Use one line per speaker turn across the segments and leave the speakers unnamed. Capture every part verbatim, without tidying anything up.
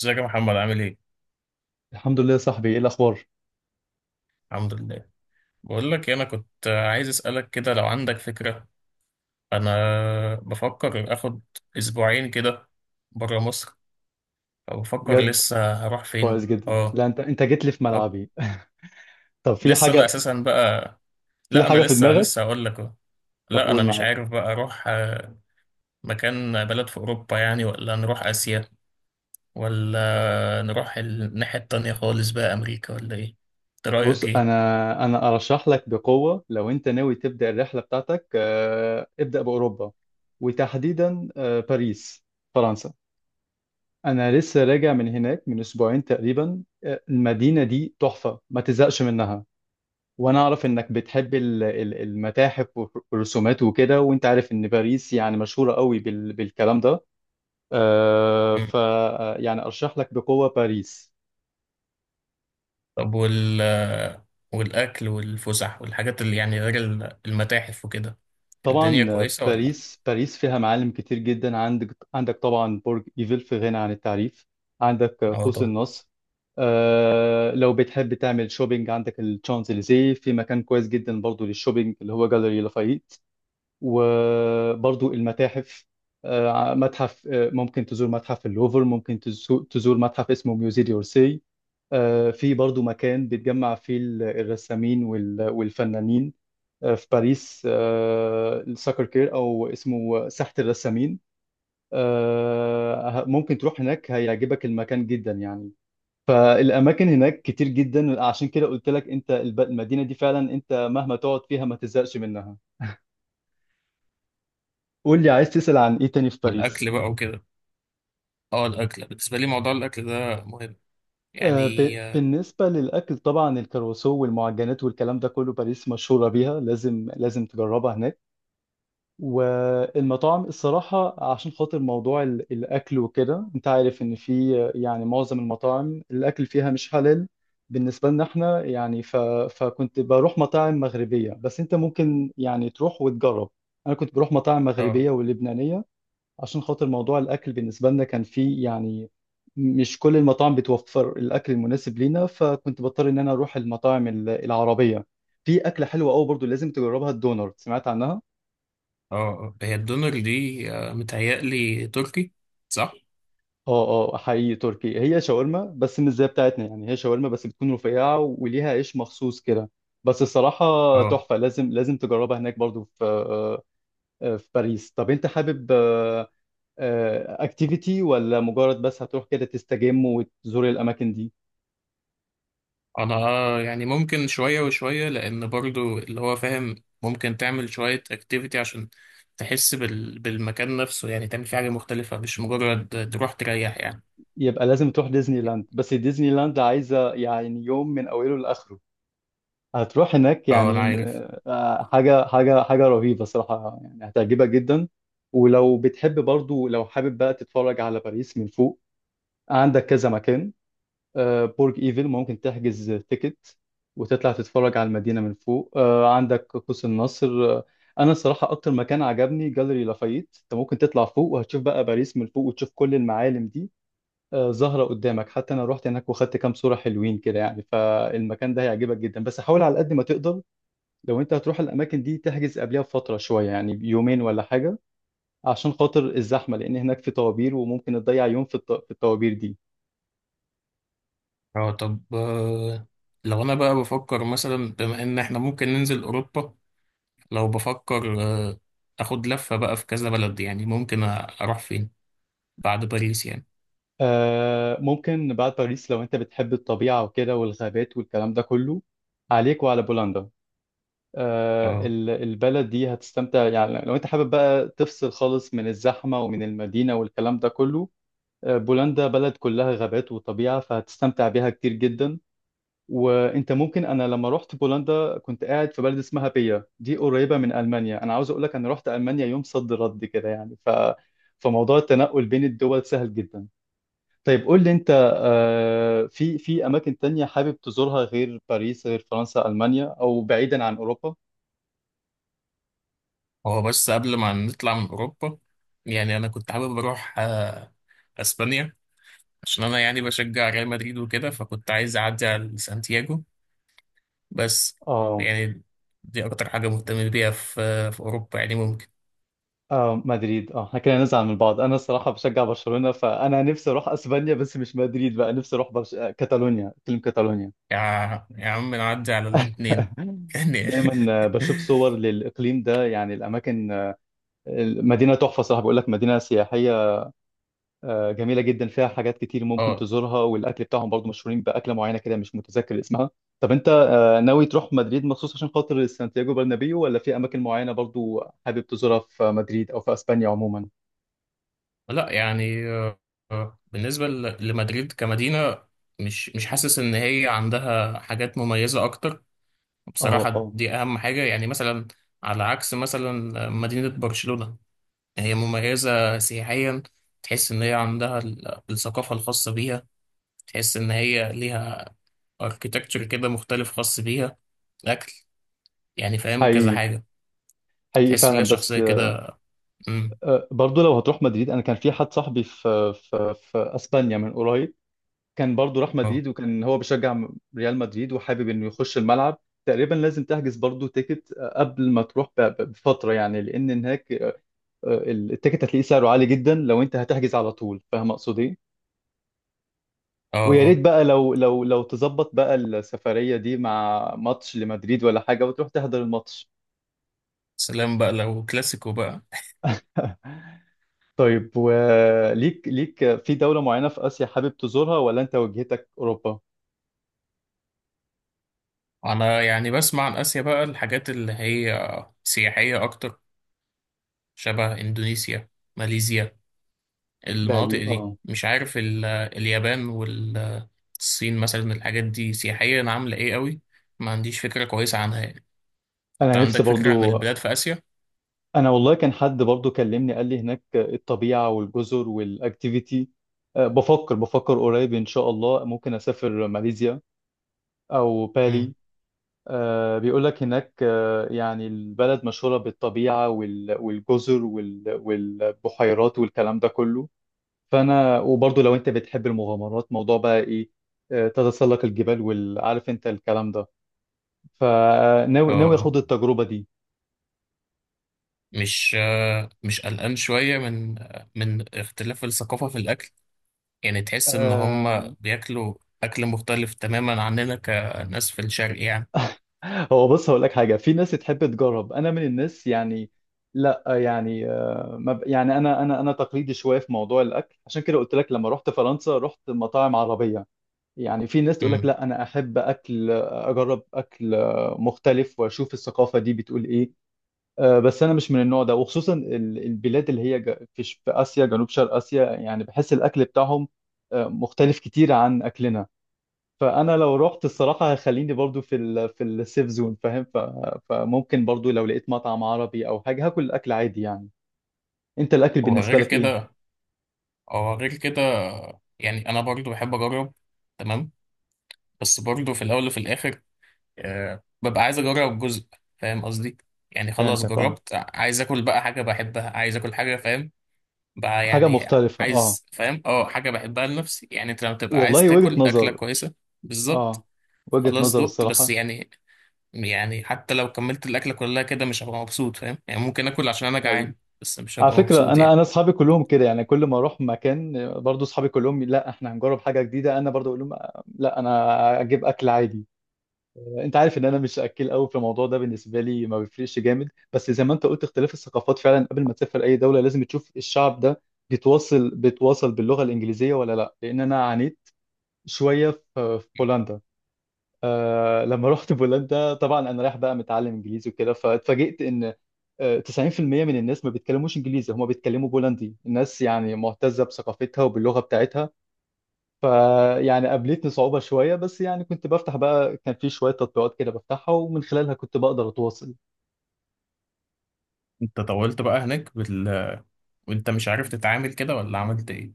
ازيك يا محمد، عامل ايه؟
الحمد لله يا صاحبي، ايه الاخبار؟
الحمد لله. بقول لك إيه، انا كنت عايز اسالك كده لو عندك فكره. انا بفكر اخد اسبوعين كده بره مصر، فبفكر
بجد؟
لسه هروح
كويس
فين
جدا.
اه.
لا، انت انت جيت لي في
أه.
ملعبي. طب، في
لسه انا
حاجه
اساسا بقى.
في
لا انا
حاجه في
لسه لسه
دماغك؟
هقول لك أهو.
طب،
لا
قول.
انا مش
معاك.
عارف بقى اروح آه، مكان بلد في اوروبا يعني، ولا نروح اسيا، ولا نروح الناحيه التانية خالص بقى امريكا ولا ايه؟ إنت
بص،
رايك ايه؟
انا انا ارشح لك بقوه. لو انت ناوي تبدا الرحله بتاعتك، آه، ابدا باوروبا، وتحديدا آه، باريس، فرنسا. انا لسه راجع من هناك من اسبوعين تقريبا. آه، المدينه دي تحفه، ما تزهقش منها. وانا اعرف انك بتحب ال- ال- المتاحف والرسومات وكده. وانت عارف ان باريس يعني مشهوره قوي بال- بالكلام ده. آه، ف آه، يعني ارشح لك بقوه باريس.
طب وال والأكل والفسح والحاجات اللي يعني غير ال- المتاحف وكده. الدنيا
طبعا. آه،
كويسة ولا؟
باريس باريس فيها معالم كتير جدا. عندك عندك طبعا برج ايفل، في غنى عن التعريف. عندك آه،
اه،
قوس
طبعا.
النصر. آه، لو بتحب تعمل شوبينج، عندك الشانزليزيه. في مكان كويس جدا برضو للشوبينج، اللي هو جاليري لافايت. وبرضو المتاحف. آه، متحف آه، ممكن تزور متحف اللوفر، ممكن تزو- تزور متحف اسمه ميوزي دورسي. آه، في برضو مكان بيتجمع فيه ال- الرسامين وال- والفنانين آه، في باريس. آه، الساكر كير، او اسمه ساحة الرسامين. آه، ه- ممكن تروح هناك، هيعجبك المكان جدا يعني. فالاماكن هناك كتير جدا. عشان كده قلت لك انت، الب- المدينة دي فعلا، انت مهما تقعد فيها ما تزهقش منها. قول لي، عايز تسأل عن ايه تاني في
والأكل
باريس؟
بقى وكده. اه، الأكل بالنسبة لي، موضوع الأكل ده مهم
آه،
يعني.
ب-
اه
بالنسبة للأكل، طبعا الكروسو والمعجنات والكلام ده كله، باريس مشهورة بيها. لازم لازم تجربها هناك. والمطاعم الصراحة، عشان خاطر موضوع ال- الأكل وكده، أنت عارف إن في يعني معظم المطاعم الأكل فيها مش حلال بالنسبة لنا إحنا يعني. ف... فكنت بروح مطاعم مغربية، بس أنت ممكن يعني تروح وتجرب. أنا كنت بروح مطاعم
اه.
مغربية ولبنانية. عشان خاطر موضوع الأكل بالنسبة لنا كان فيه يعني، مش كل المطاعم بتوفر الأكل المناسب لينا، فكنت بضطر إن أنا أروح المطاعم ال- العربية. في أكلة حلوة أوي برضو لازم تجربها، الدونر. سمعت عنها؟
آه. هي الدونر دي آه، متهيألي تركي، صح؟
اه، اه، حقيقي تركي. هي شاورما بس مش زي بتاعتنا يعني. هي شاورما بس بتكون رفيعة وليها عيش مخصوص كده. بس الصراحة
اه.
تحفة، لازم لازم تجربها هناك برضو. في آه، آه، في باريس. طب انت حابب اكتيفيتي، ولا مجرد بس هتروح كده تستجم وتزور الأماكن دي؟
أنا آه، يعني ممكن شوية وشوية، لأن برضو اللي هو فاهم ممكن تعمل شوية اكتيفيتي عشان تحس بال... بالمكان نفسه، يعني تعمل فيه حاجة مختلفة، مش مجرد تروح تريح يعني.
يبقى لازم تروح ديزني لاند. بس ديزني لاند عايزة يعني يوم من أوله لآخره. هتروح هناك
اه، أنا
يعني. م-
عارف.
آه، حاجة حاجة حاجة رهيبة صراحة يعني، هتعجبك جدا. ولو بتحب برضو، لو حابب بقى تتفرج على باريس من فوق، عندك كذا مكان. آه، برج ايفل، ممكن تحجز تيكت وتطلع تتفرج على المدينة من فوق. آه، عندك قوس النصر. آه، أنا الصراحة أكتر مكان عجبني جاليري لافايت. أنت ممكن تطلع فوق وهتشوف بقى باريس من فوق وتشوف كل المعالم دي آه، ظاهرة قدامك. حتى أنا رحت هناك وخدت كام صورة حلوين كده يعني، فالمكان ده هيعجبك جدا. بس حاول على قد ما تقدر، لو انت هتروح الاماكن دي تحجز قبلها بفتره شويه، يعني بيومين ولا حاجه، عشان خاطر الزحمه، لان هناك في طوابير وممكن تضيع يوم في الط- في الطوابير دي.
اه، طب آه، لو انا بقى بفكر مثلا بما ان احنا ممكن ننزل اوروبا، لو بفكر آه، اخد لفة بقى في كذا بلد، يعني ممكن أ- اروح فين بعد باريس يعني.
آه، ممكن بعد باريس، لو انت بتحب الطبيعه وكده والغابات والكلام ده كله، عليك وعلى بولندا. آه
اه.
ال- البلد دي هتستمتع يعني، لو انت حابب بقى تفصل خالص من الزحمه ومن المدينه والكلام ده كله. آه بولندا بلد كلها غابات وطبيعه، فهتستمتع بيها كتير جدا. وانت ممكن، انا لما رحت بولندا كنت قاعد في بلد اسمها بيا دي، قريبه من المانيا. انا عاوز اقول لك انا رحت المانيا يوم صد رد كده يعني، ف فموضوع التنقل بين الدول سهل جدا. طيب، قول لي انت، آه، في في اماكن تانية حابب تزورها غير باريس، غير فرنسا، المانيا، او بعيدا عن اوروبا؟
هو بس قبل ما نطلع من اوروبا، يعني انا كنت حابب اروح آه، اسبانيا، عشان انا يعني بشجع ريال مدريد وكده، فكنت عايز اعدي على سانتياغو بس
اه،
يعني. دي اكتر حاجة مهتم بيها في آه، في اوروبا، يعني ممكن.
اه، مدريد. اه، احنا كده نزعل من بعض. انا الصراحه بشجع برشلونه. فانا نفسي اروح اسبانيا بس مش مدريد بقى. نفسي اروح برش... آه، كاتالونيا، فيلم كاتالونيا.
يا يا عم، نعدي على الاتنين يعني.
دايما بشوف صور للإقليم ده يعني، الأماكن. المدينة تحفة صراحة، بقول لك، مدينة سياحية آه، جميلة جدا، فيها حاجات كتير ممكن
اه.
تزورها. والأكل بتاعهم برضو مشهورين بأكلة معينة كده، مش متذكر اسمها. طب أنت آه، ناوي تروح مدريد مخصوص عشان خاطر سانتياغو برنابيو، ولا في أماكن معينة برضو حابب تزورها في مدريد أو في أسبانيا عموما؟
لا يعني آه، آه، بالنسبة ل- لمدريد كمدينة، مش مش حاسس ان هي عندها حاجات مميزة اكتر
اه،
بصراحة.
اه،
دي اهم حاجة، يعني مثلا على عكس مثلا مدينة برشلونة. هي مميزة سياحيا، تحس ان هي عندها ال- الثقافة الخاصة بيها، تحس ان هي ليها اركيتكتشر كده مختلف خاص بيها، اكل، يعني فاهم كذا
حقيقي
حاجة.
حقيقي
تحس
فعلا.
ليها
بس
شخصية كده. مم.
آه، برضو لو هتروح مدريد، أنا كان في حد صاحبي في في في أسبانيا من قريب، كان برضو راح
آه.
مدريد وكان هو بيشجع م- ريال مدريد وحابب انه يخش الملعب. تقريبا لازم تحجز برضو تيكت آه، قبل ما تروح ب- ب- بفترة يعني، لان هناك آه، التيكت هتلاقيه سعره عالي جدا لو انت هتحجز على طول. فاهم اقصد ايه؟
اه،
ويا ريت
اه.
بقى لو لو لو تظبط بقى السفرية دي مع ماتش لمدريد ولا حاجة وتروح تحضر الماتش.
سلام بقى لو كلاسيكو بقى.
طيب، وليك ليك في دولة معينة في آسيا حابب تزورها، ولا انت وجهتك اوروبا؟
انا يعني بسمع عن اسيا بقى، الحاجات اللي هي سياحية اكتر، شبه اندونيسيا، ماليزيا، المناطق
بالي.
دي،
اه،
مش عارف ال- اليابان والصين مثلا، الحاجات دي سياحيا عاملة ايه قوي؟ ما عنديش فكرة كويسة عنها يعني. انت
انا نفسي
عندك فكرة عن
برضو.
البلاد في اسيا؟
انا والله، كان حد برضو كلمني قال لي هناك الطبيعه والجزر والاكتيفيتي. أه، بفكر بفكر قريب ان شاء الله ممكن اسافر ماليزيا او
مم.
بالي. أه، بيقول لك هناك، أه، يعني البلد مشهوره بالطبيعه وال- والجزر وال- والبحيرات والكلام ده كله. فانا وبرضو، لو انت بتحب المغامرات، موضوع بقى ايه، أه، تتسلق الجبال والعارف انت الكلام ده.
اه.
فناوي، ناوي
آه.
اخد التجربه دي.
مش آه، مش قلقان شوية من آه، من اختلاف الثقافة في الاكل؟ يعني تحس ان هم
آه،
بياكلوا اكل مختلف تماما عننا كناس في الشرق يعني.
هو بص، هقول لك حاجه. في ناس تحب تجرب، انا من الناس يعني. لا يعني، آه، ما ب- يعني انا انا انا تقليدي شويه في موضوع الاكل. عشان كده قلت لك لما رحت فرنسا رحت مطاعم عربيه. يعني في ناس تقول لك،
امم
لا، انا احب اكل، اجرب اكل آه، مختلف، واشوف الثقافه دي بتقول ايه. آه، بس انا مش من النوع ده، وخصوصا ال- البلاد اللي هي ج- في ش- في اسيا، جنوب شرق اسيا يعني. بحس الاكل بتاعهم آه، مختلف كتير عن اكلنا. فانا لو رحت الصراحه، هخليني برضو في ال في السيف زون، فاهم. ف... فممكن برضو لو لقيت مطعم عربي او حاجه هاكل الاكل عادي يعني. انت الاكل بالنسبه
وغير
لك ايه؟
كده. هو غير كده، يعني انا برضو بحب اجرب، تمام، بس برضو في الاول وفي الاخر آه ببقى عايز اجرب جزء، فاهم قصدي؟ يعني خلاص
فهمتك، اه،
جربت، عايز اكل بقى حاجة بحبها، عايز اكل حاجة، فاهم بقى
حاجه
يعني.
مختلفه، اه.
عايز، فاهم، اه حاجة بحبها لنفسي يعني، انت لما تبقى عايز
والله، وجهه
تاكل أكلة
نظر.
كويسة بالظبط.
اه، وجهه
خلاص
نظر
دقت بس
الصراحه.
يعني يعني حتى لو كملت الأكلة كلها كده مش هبقى مبسوط، فاهم يعني؟ ممكن آكل عشان أنا
حقيقي.
جعان، بس مش
على
هبقى
فكره،
مبسوط
انا
يعني.
انا اصحابي كلهم كده يعني. كل ما اروح مكان برضو اصحابي كلهم، لا احنا هنجرب حاجه جديده، انا برضو اقول لهم، آه، لا انا اجيب اكل عادي. انت عارف ان انا مش اكيل قوي في الموضوع ده. بالنسبه لي ما بيفرقش جامد، بس زي ما انت قلت، اختلاف الثقافات فعلا. قبل ما تسافر اي دوله لازم تشوف الشعب ده بيتواصل بيتواصل باللغه الانجليزيه ولا لا. لان انا عانيت شويه في في بولندا. آه لما رحت بولندا، طبعا انا رايح بقى متعلم انجليزي وكده، فاتفاجئت ان آه، تسعين في المئة من الناس ما بيتكلموش انجليزي، هم بيتكلموا بولندي. الناس يعني معتزه بثقافتها وباللغه بتاعتها. فيعني قابلتني صعوبة شوية، بس يعني كنت بفتح بقى، كان في شوية تطبيقات كده بفتحها ومن خلالها كنت بقدر أتواصل.
انت طولت بقى هناك بال... وانت مش عارف تتعامل كده، ولا عملت ايه؟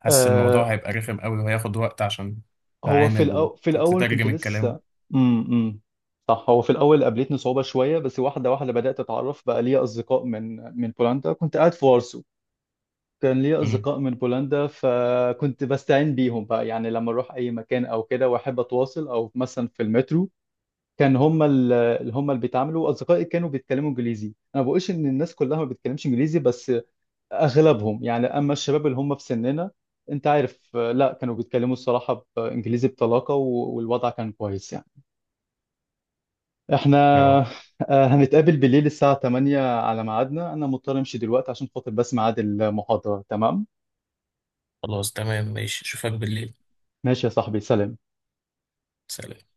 حاسس الموضوع
آه
هيبقى رخم قوي وهياخد وقت عشان
هو في
تتعامل
الأو... في الأول كنت
وتترجم الكلام.
لسه. امم امم، صح، هو في الأول قابلتني صعوبة شوية، بس واحدة واحدة بدأت أتعرف بقى ليا أصدقاء من من بولندا. كنت قاعد في وارسو. كان ليا
امم.
أصدقاء من بولندا، فكنت بستعين بيهم بقى يعني. لما أروح أي مكان أو كده وأحب أتواصل، أو مثلا في المترو، كان هم اللي هم اللي بيتعاملوا. اصدقائي كانوا بيتكلموا انجليزي. انا ما بقولش ان الناس كلها ما بتتكلمش انجليزي، بس اغلبهم يعني. اما الشباب اللي هم في سننا، انت عارف، آه، لا كانوا بيتكلموا الصراحة بانجليزي بطلاقة، و- والوضع كان كويس يعني. احنا
اه.
آه، هنتقابل بالليل الساعة ثمانية على ميعادنا. انا مضطر امشي دلوقتي عشان خاطر بس ميعاد المحاضرة. تمام؟
خلاص، تمام، ماشي، أشوفك بالليل.
ماشي يا صاحبي، سلام.
سلام.